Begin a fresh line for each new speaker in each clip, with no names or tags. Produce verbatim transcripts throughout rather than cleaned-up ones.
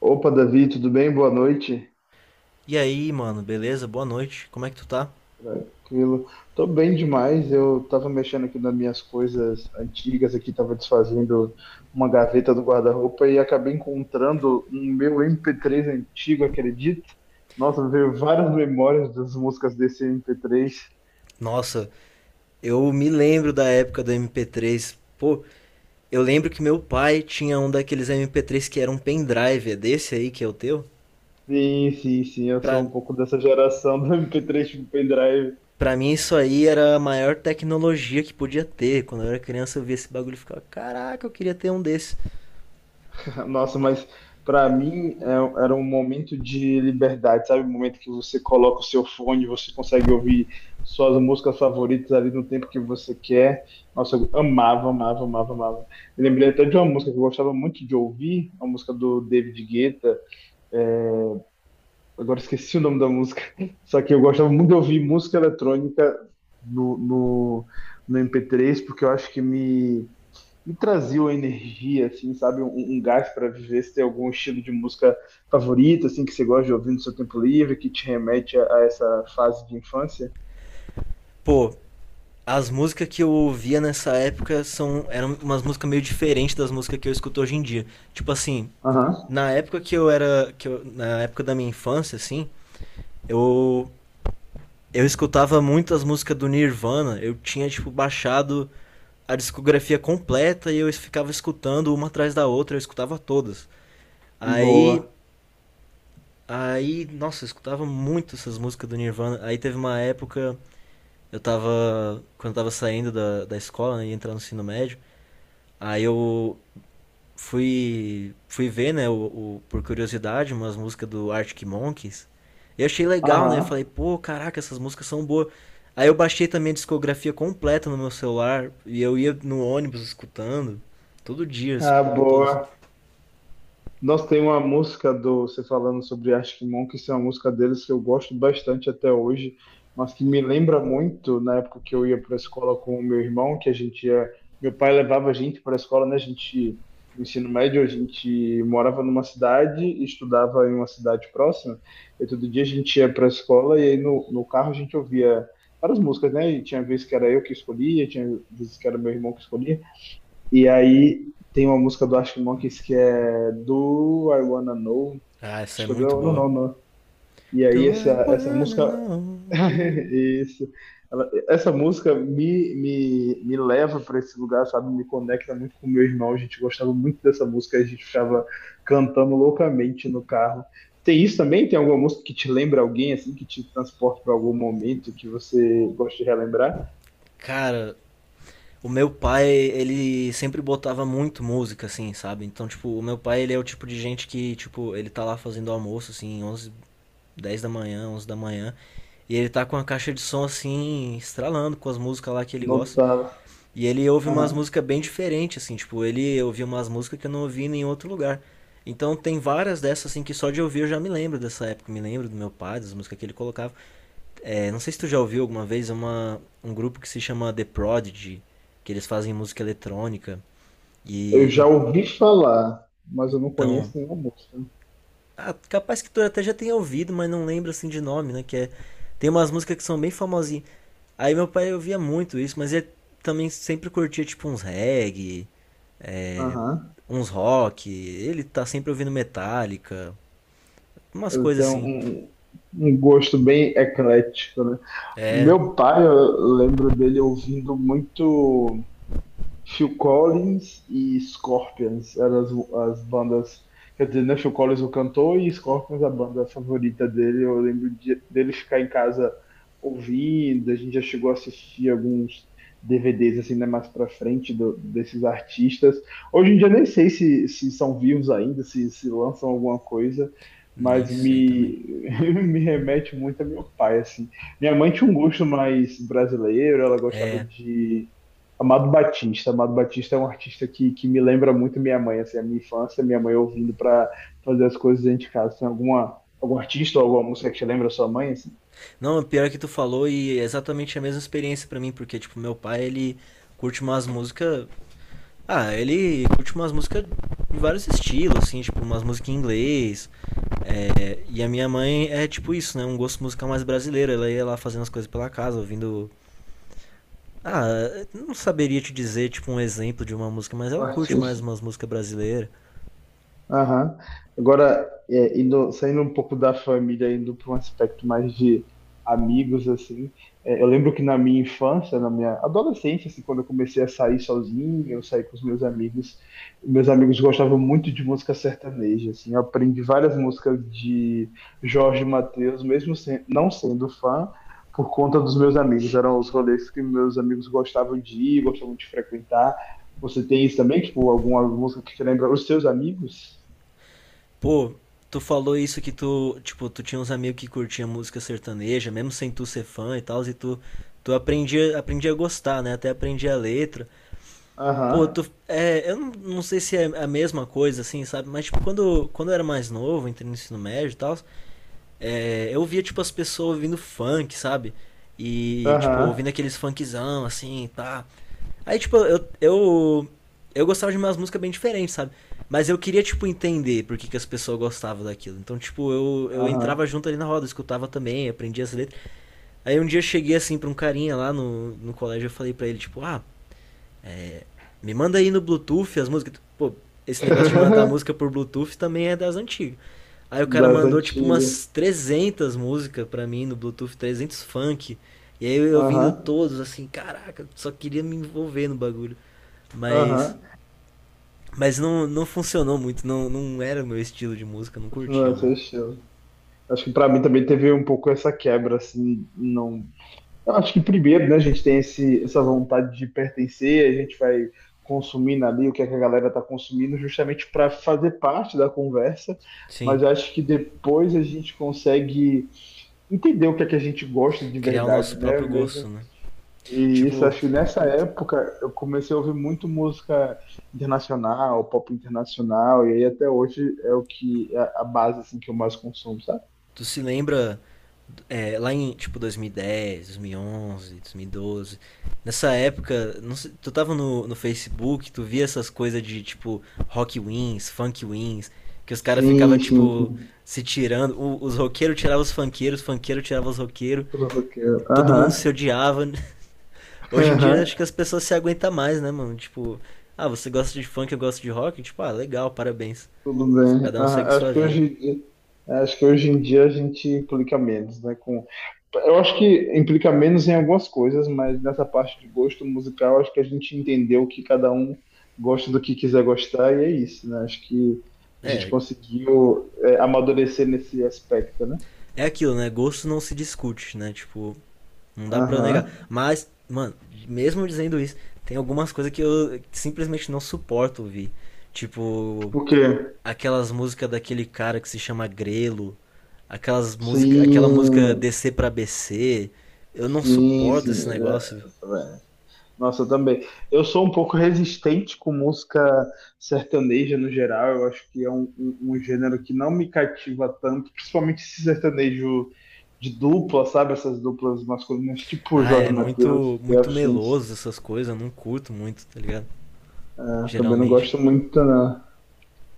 Opa, Davi, tudo bem? Boa noite.
E aí, mano, beleza? Boa noite. Como é que tu tá?
Tranquilo. Tô bem demais. Eu tava mexendo aqui nas minhas coisas antigas aqui, tava desfazendo uma gaveta do guarda-roupa e acabei encontrando um meu M P três antigo, acredito. Nossa, veio várias memórias das músicas desse M P três.
Nossa, eu me lembro da época do M P três. Pô, eu lembro que meu pai tinha um daqueles M P três que era um pendrive, é desse aí que é o teu?
Sim, sim, sim, eu
Pra,
sou um pouco dessa geração do M P três tipo um pendrive.
pra mim isso aí era a maior tecnologia que podia ter. Quando eu era criança eu via esse bagulho e ficava, caraca, eu queria ter um desse.
Nossa, mas pra mim é- um, era um momento de liberdade, sabe? Um momento que você coloca o seu fone, você consegue ouvir suas músicas favoritas ali no tempo que você quer. Nossa, eu amava, amava, amava, amava. Eu lembrei até de uma música que eu gostava muito de ouvir, uma música do David Guetta. é, Agora esqueci o nome da música. Só que eu gostava muito de ouvir música eletrônica no, no, no M P três, porque eu acho que me me trazia uma energia, assim, sabe? Um, um gás para viver. Se tem algum estilo de música favorito, assim, que você gosta de ouvir no seu tempo livre, que te remete a, a essa fase de infância?
Pô, as músicas que eu ouvia nessa época são eram umas músicas meio diferentes das músicas que eu escuto hoje em dia. Tipo assim,
Aham,
na época que eu era, que eu- na época da minha infância assim, Eu eu escutava muito as músicas do Nirvana, eu tinha tipo baixado a discografia completa e eu ficava escutando uma atrás da outra, eu escutava todas. Aí,
boa.
aí, nossa, eu escutava muito essas músicas do Nirvana. Aí teve uma época, eu tava quando eu tava saindo da, da escola, né, ia entrar no ensino médio, aí eu fui, fui ver, né, o, o- por curiosidade, umas músicas do Arctic Monkeys. Eu achei legal, né?
Aham,
Falei, pô, caraca, essas músicas são boas. Aí eu baixei também a discografia completa no meu celular e eu ia no ônibus escutando. Todo dia, eu
ah,
escutava todos.
boa. Nossa, tem uma música do você falando sobre Arctic Monkeys, é uma música deles que eu gosto bastante até hoje, mas que me lembra muito na época que eu ia para a escola com o meu irmão, que a gente ia, meu pai levava a gente para a escola, né? A gente no ensino médio a gente morava numa cidade e estudava em uma cidade próxima. E todo dia a gente ia para a escola e aí no, no carro a gente ouvia várias músicas, né? E tinha vezes que era eu que escolhia, tinha vezes que era meu irmão que escolhia. E aí tem uma música do Arctic Monkeys que é Do I Wanna Know?
Ah, essa
Acho
é
que é do I
muito
Wanna
boa.
Know, não. E aí
Do
essa,
I
essa
wanna
música.
know?
Isso. Ela- essa música me, me, me leva para esse lugar, sabe? Me conecta muito com meu irmão. A gente gostava muito dessa música, a gente ficava cantando loucamente no carro. Tem isso também? Tem alguma música que te lembra alguém, assim, que te transporta para algum momento que você gosta de relembrar?
Cara, o meu pai, ele sempre botava muito música, assim, sabe? Então, tipo, o meu pai, ele é o tipo de gente que, tipo, ele tá lá fazendo almoço, assim, onze dez da manhã, onze da manhã. E ele tá com a caixa de som assim, estralando com as músicas lá que ele
Não
gosta.
tá.
E ele ouve umas músicas bem diferentes, assim, tipo, ele ouvia umas músicas que eu não ouvi em nenhum outro lugar. Então tem várias dessas assim que só de ouvir eu já me lembro dessa época, me lembro do meu pai, das músicas que ele colocava. É, não sei se tu já ouviu alguma vez uma, um grupo que se chama The Prodigy, que eles fazem música eletrônica.
Eu
E meu
já ouvi falar, mas eu não
então,
conheço nenhuma música.
ah, capaz que tu até já tenha ouvido, mas não lembro assim de nome, né? Que é, tem umas músicas que são bem famosas. Aí meu pai ouvia muito isso, mas ele também sempre curtia tipo uns reggae,
Aham.
uns rock. Ele tá sempre ouvindo Metallica, umas
Eu
coisas
tenho
assim.
um, um gosto bem eclético, né?
É,
Meu pai, eu lembro dele ouvindo muito. Phil Collins e Scorpions eram as, as bandas. Quer dizer, né? Phil Collins o cantor e Scorpions a banda favorita dele. Eu lembro de, dele ficar em casa ouvindo. A gente já chegou a assistir alguns D V Dês assim, né? Mais pra frente do- desses artistas. Hoje em dia nem sei se, se são vivos ainda, se, se lançam alguma coisa.
nem
Mas
sei também.
me, me remete muito a meu pai, assim. Minha mãe tinha um gosto mais brasileiro, ela gostava de Amado Batista. Amado Batista é um artista que, que me lembra muito minha mãe, assim, a minha infância, minha mãe ouvindo para fazer as coisas dentro de casa. Tem alguma, algum artista ou alguma música que te lembra a sua mãe, assim?
Não, o pior é que tu falou e é exatamente a mesma experiência pra mim, porque tipo, meu pai, ele curte umas músicas. Ah, ele curte umas músicas de vários estilos, assim, tipo, umas músicas em inglês. É, e a minha mãe é tipo isso, né? Um gosto musical mais brasileiro. Ela ia lá fazendo as coisas pela casa, ouvindo. Ah, não saberia te dizer, tipo, um exemplo de uma música, mas ela curte mais umas músicas brasileiras.
Aham. Agora, é, indo- saindo um pouco da família, indo para um aspecto mais de amigos, assim, é, eu lembro que na minha infância, na minha adolescência, assim, quando eu comecei a sair sozinho, eu saí com os meus amigos, meus amigos gostavam muito de música sertaneja, assim, eu aprendi várias músicas de Jorge Mateus, mesmo sem- não sendo fã, por conta dos meus amigos, eram os rolês que meus amigos gostavam de ir, gostavam de frequentar. Você tem isso também, tipo, alguma música que te lembra os seus amigos?
Pô, tu falou isso que tu, tipo, tu tinha uns amigos que curtiam música sertaneja, mesmo sem tu ser fã e tal, e tu, tu aprendia, aprendia a gostar, né? Até aprendia a letra. Pô, tu,
Aham,
é, eu não, não sei se é a mesma coisa, assim, sabe? Mas, tipo, quando, quando eu era mais novo, entrei no ensino médio e tal, é, eu via, tipo, as pessoas ouvindo funk, sabe? E, tipo,
aham,
ouvindo aqueles funkzão, assim, pá. Aí, tipo, eu, eu, eu gostava de umas músicas bem diferentes, sabe? Mas eu queria, tipo, entender por que, que as pessoas gostavam daquilo. Então, tipo, eu, eu
aham.
entrava junto ali na roda, escutava também, aprendia as letras. Aí um dia eu cheguei, assim, pra um carinha lá no, no colégio, eu falei pra ele, tipo, ah, me manda aí no Bluetooth as músicas. Pô, esse negócio de mandar música por Bluetooth também é das antigas. Aí o cara
Das
mandou, tipo,
antigas.
umas trezentas músicas pra mim no Bluetooth, trezentos funk. E aí eu ouvindo
Aham,
todos, assim, caraca, só queria me envolver no bagulho. Mas
aham.
Mas não, não funcionou muito, não, não era o meu estilo de música, não
Não,
curtia
esse é seu
muito.
estilo. Acho que pra mim também teve um pouco essa quebra, assim, não... Eu acho que primeiro, né, a gente tem esse, essa vontade de pertencer, a gente vai consumindo ali o que é que a galera tá consumindo justamente para fazer parte da conversa,
Sim,
mas eu acho que depois a gente consegue entender o que é que a gente gosta de
criar o
verdade,
nosso
né?
próprio
Mesmo.
gosto, né?
E isso,
Tipo,
acho que nessa época eu comecei a ouvir muito música internacional, pop internacional, e aí até hoje é o que é a base assim que eu mais consumo, sabe?
tu se lembra é, lá em tipo dois mil e dez, dois mil e onze, dois mil e doze, nessa época, não sei, tu tava no, no Facebook, tu via essas coisas de tipo rock wins, funk wins, que os caras ficavam
Sim, sim,
tipo
sim.
se tirando, o- os roqueiros tiravam os funkeiros, os funkeiros tiravam os roqueiros,
Tudo que
todo mundo
aham,
se odiava. Hoje em dia
aham,
acho que as pessoas se aguentam mais, né, mano? Tipo, ah, você gosta de funk, eu gosto de rock? Tipo, ah, legal, parabéns.
tudo bem.
Cada um segue
Aham.
sua
Acho que
vida.
hoje, em dia- acho que hoje em dia a gente clica menos, né? Eu acho que implica menos em algumas coisas, mas nessa parte de gosto musical, acho que a gente entendeu que cada um gosta do que quiser gostar e é isso, né? Acho que a gente
É,
conseguiu é, amadurecer nesse aspecto, né?
é aquilo, né? Gosto não se discute, né? Tipo, não dá pra negar.
Aham.
Mas, mano, mesmo dizendo isso, tem algumas coisas que eu simplesmente não suporto ouvir. Tipo,
Porque,
aquelas músicas daquele cara que se chama Grelo, aquelas música, aquela música
sim,
D C pra B C. Eu não
sim,
suporto esse
sim.
negócio.
é, Nossa, eu também. Eu sou um pouco resistente com música sertaneja no geral. Eu acho que é um, um- um gênero que não me cativa tanto, principalmente esse sertanejo de dupla, sabe? Essas duplas masculinas, tipo
Ah,
Jorge
é
Mateus
muito,
e
muito
afins.
meloso essas coisas, eu não curto muito, tá ligado?
É, também não
Geralmente.
gosto muito, não.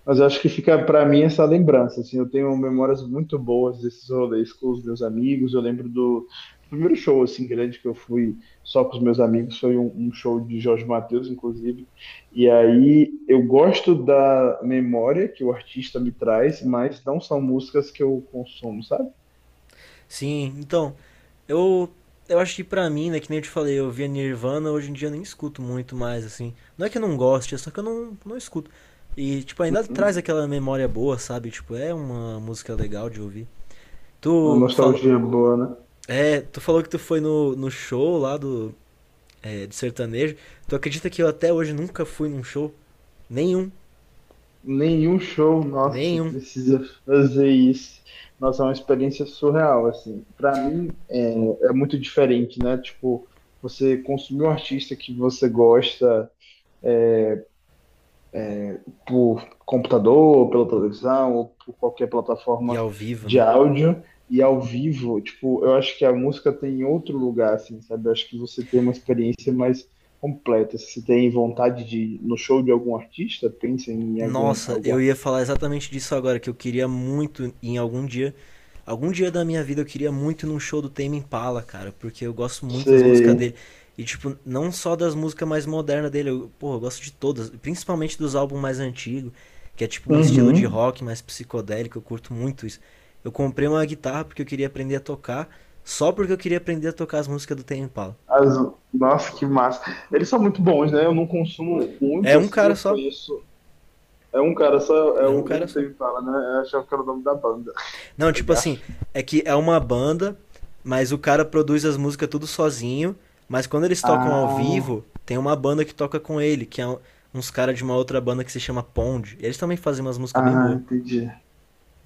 Mas eu acho que fica para mim essa lembrança, assim, eu tenho memórias muito boas desses rolês com os meus amigos. Eu lembro do primeiro show assim grande que eu fui só com os meus amigos, foi um, um show de Jorge Mateus, inclusive. E aí eu gosto da memória que o artista me traz, mas não são músicas que eu consumo, sabe?
Sim, então, eu eu acho que pra mim, né, que nem eu te falei, eu via Nirvana, hoje em dia eu nem escuto muito mais, assim. Não é que eu não goste, é só que eu não, não escuto. E, tipo, ainda traz
Uhum.
aquela memória boa, sabe? Tipo, é uma música legal de ouvir.
Uma
Tu falou.
nostalgia boa, né?
É, tu falou que tu foi no, no show lá do, é, de sertanejo. Tu acredita que eu até hoje nunca fui num show? Nenhum.
Nenhum show, nossa, você
Nenhum.
precisa fazer isso. Nossa, é uma experiência surreal, assim. Para mim é, é muito diferente, né? Tipo, você consumir um artista que você gosta é, por computador, ou pela televisão, ou por qualquer
E
plataforma
ao vivo,
de
né?
áudio, e ao vivo, tipo, eu acho que a música tem outro lugar, assim, sabe? Eu acho que você tem uma experiência mais completa. Se você tem vontade de ir no show de algum artista, pensa em algum,
Nossa,
algum
eu ia falar exatamente disso agora, que eu queria muito em algum dia. Algum dia da minha vida eu queria muito ir num show do Tame Impala, cara, porque eu gosto muito das músicas
artista.
dele. E, tipo, não só das músicas mais modernas dele, eu, porra, eu gosto de todas, principalmente dos álbuns mais antigos, que é tipo um estilo de
Uhum.
rock mais psicodélico, eu curto muito isso. Eu comprei uma guitarra porque eu queria aprender a tocar, só porque eu queria aprender a tocar as músicas do Tame Impala.
As... Nossa, que massa. Eles são muito bons, né? Eu não consumo
É
muito,
um
assim,
cara
eu
só,
conheço. É um cara só, é
é um
o
cara
o
só.
Tame Impala, né? Eu achava que era o nome da banda.
Não, tipo assim,
Gafe.
é que é uma banda, mas o cara produz as músicas tudo sozinho, mas quando eles tocam ao vivo,
Ah,
tem uma banda que toca com ele, que é um- uns caras de uma outra banda que se chama Pond. Eles também fazem umas músicas bem
ah,
boas.
entendi.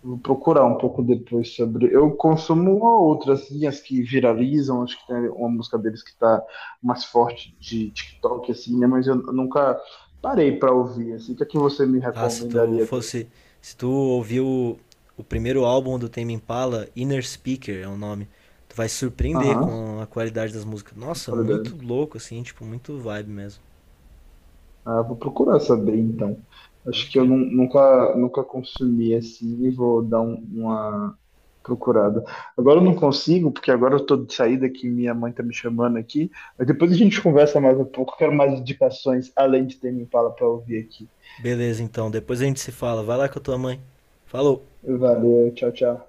Vou procurar um pouco depois sobre. Eu consumo uma ou outra, assim, as que viralizam. Acho que tem uma música deles que tá mais forte de TikTok, assim, né? Mas eu nunca parei pra ouvir, assim. O que é que você me
Ah, se tu
recomendaria dele?
fosse, se tu ouviu o, o primeiro álbum do Tame Impala, Inner Speaker é o nome, tu vai se surpreender
Aham,
com a qualidade das músicas. Nossa, muito
uhum.
louco assim, tipo, muito vibe mesmo.
Ah, vou procurar saber então.
Pode
Acho que eu
crer.
nun- Nunca, nunca consumi assim e vou dar um- uma procurada. Agora eu não consigo, porque agora eu tô de saída que minha mãe tá me chamando aqui. Mas depois a gente conversa mais um pouco. Quero mais indicações além de ter me Impala para ouvir aqui.
Beleza, então, depois a gente se fala. Vai lá com a tua mãe. Falou.
Valeu, tchau, tchau.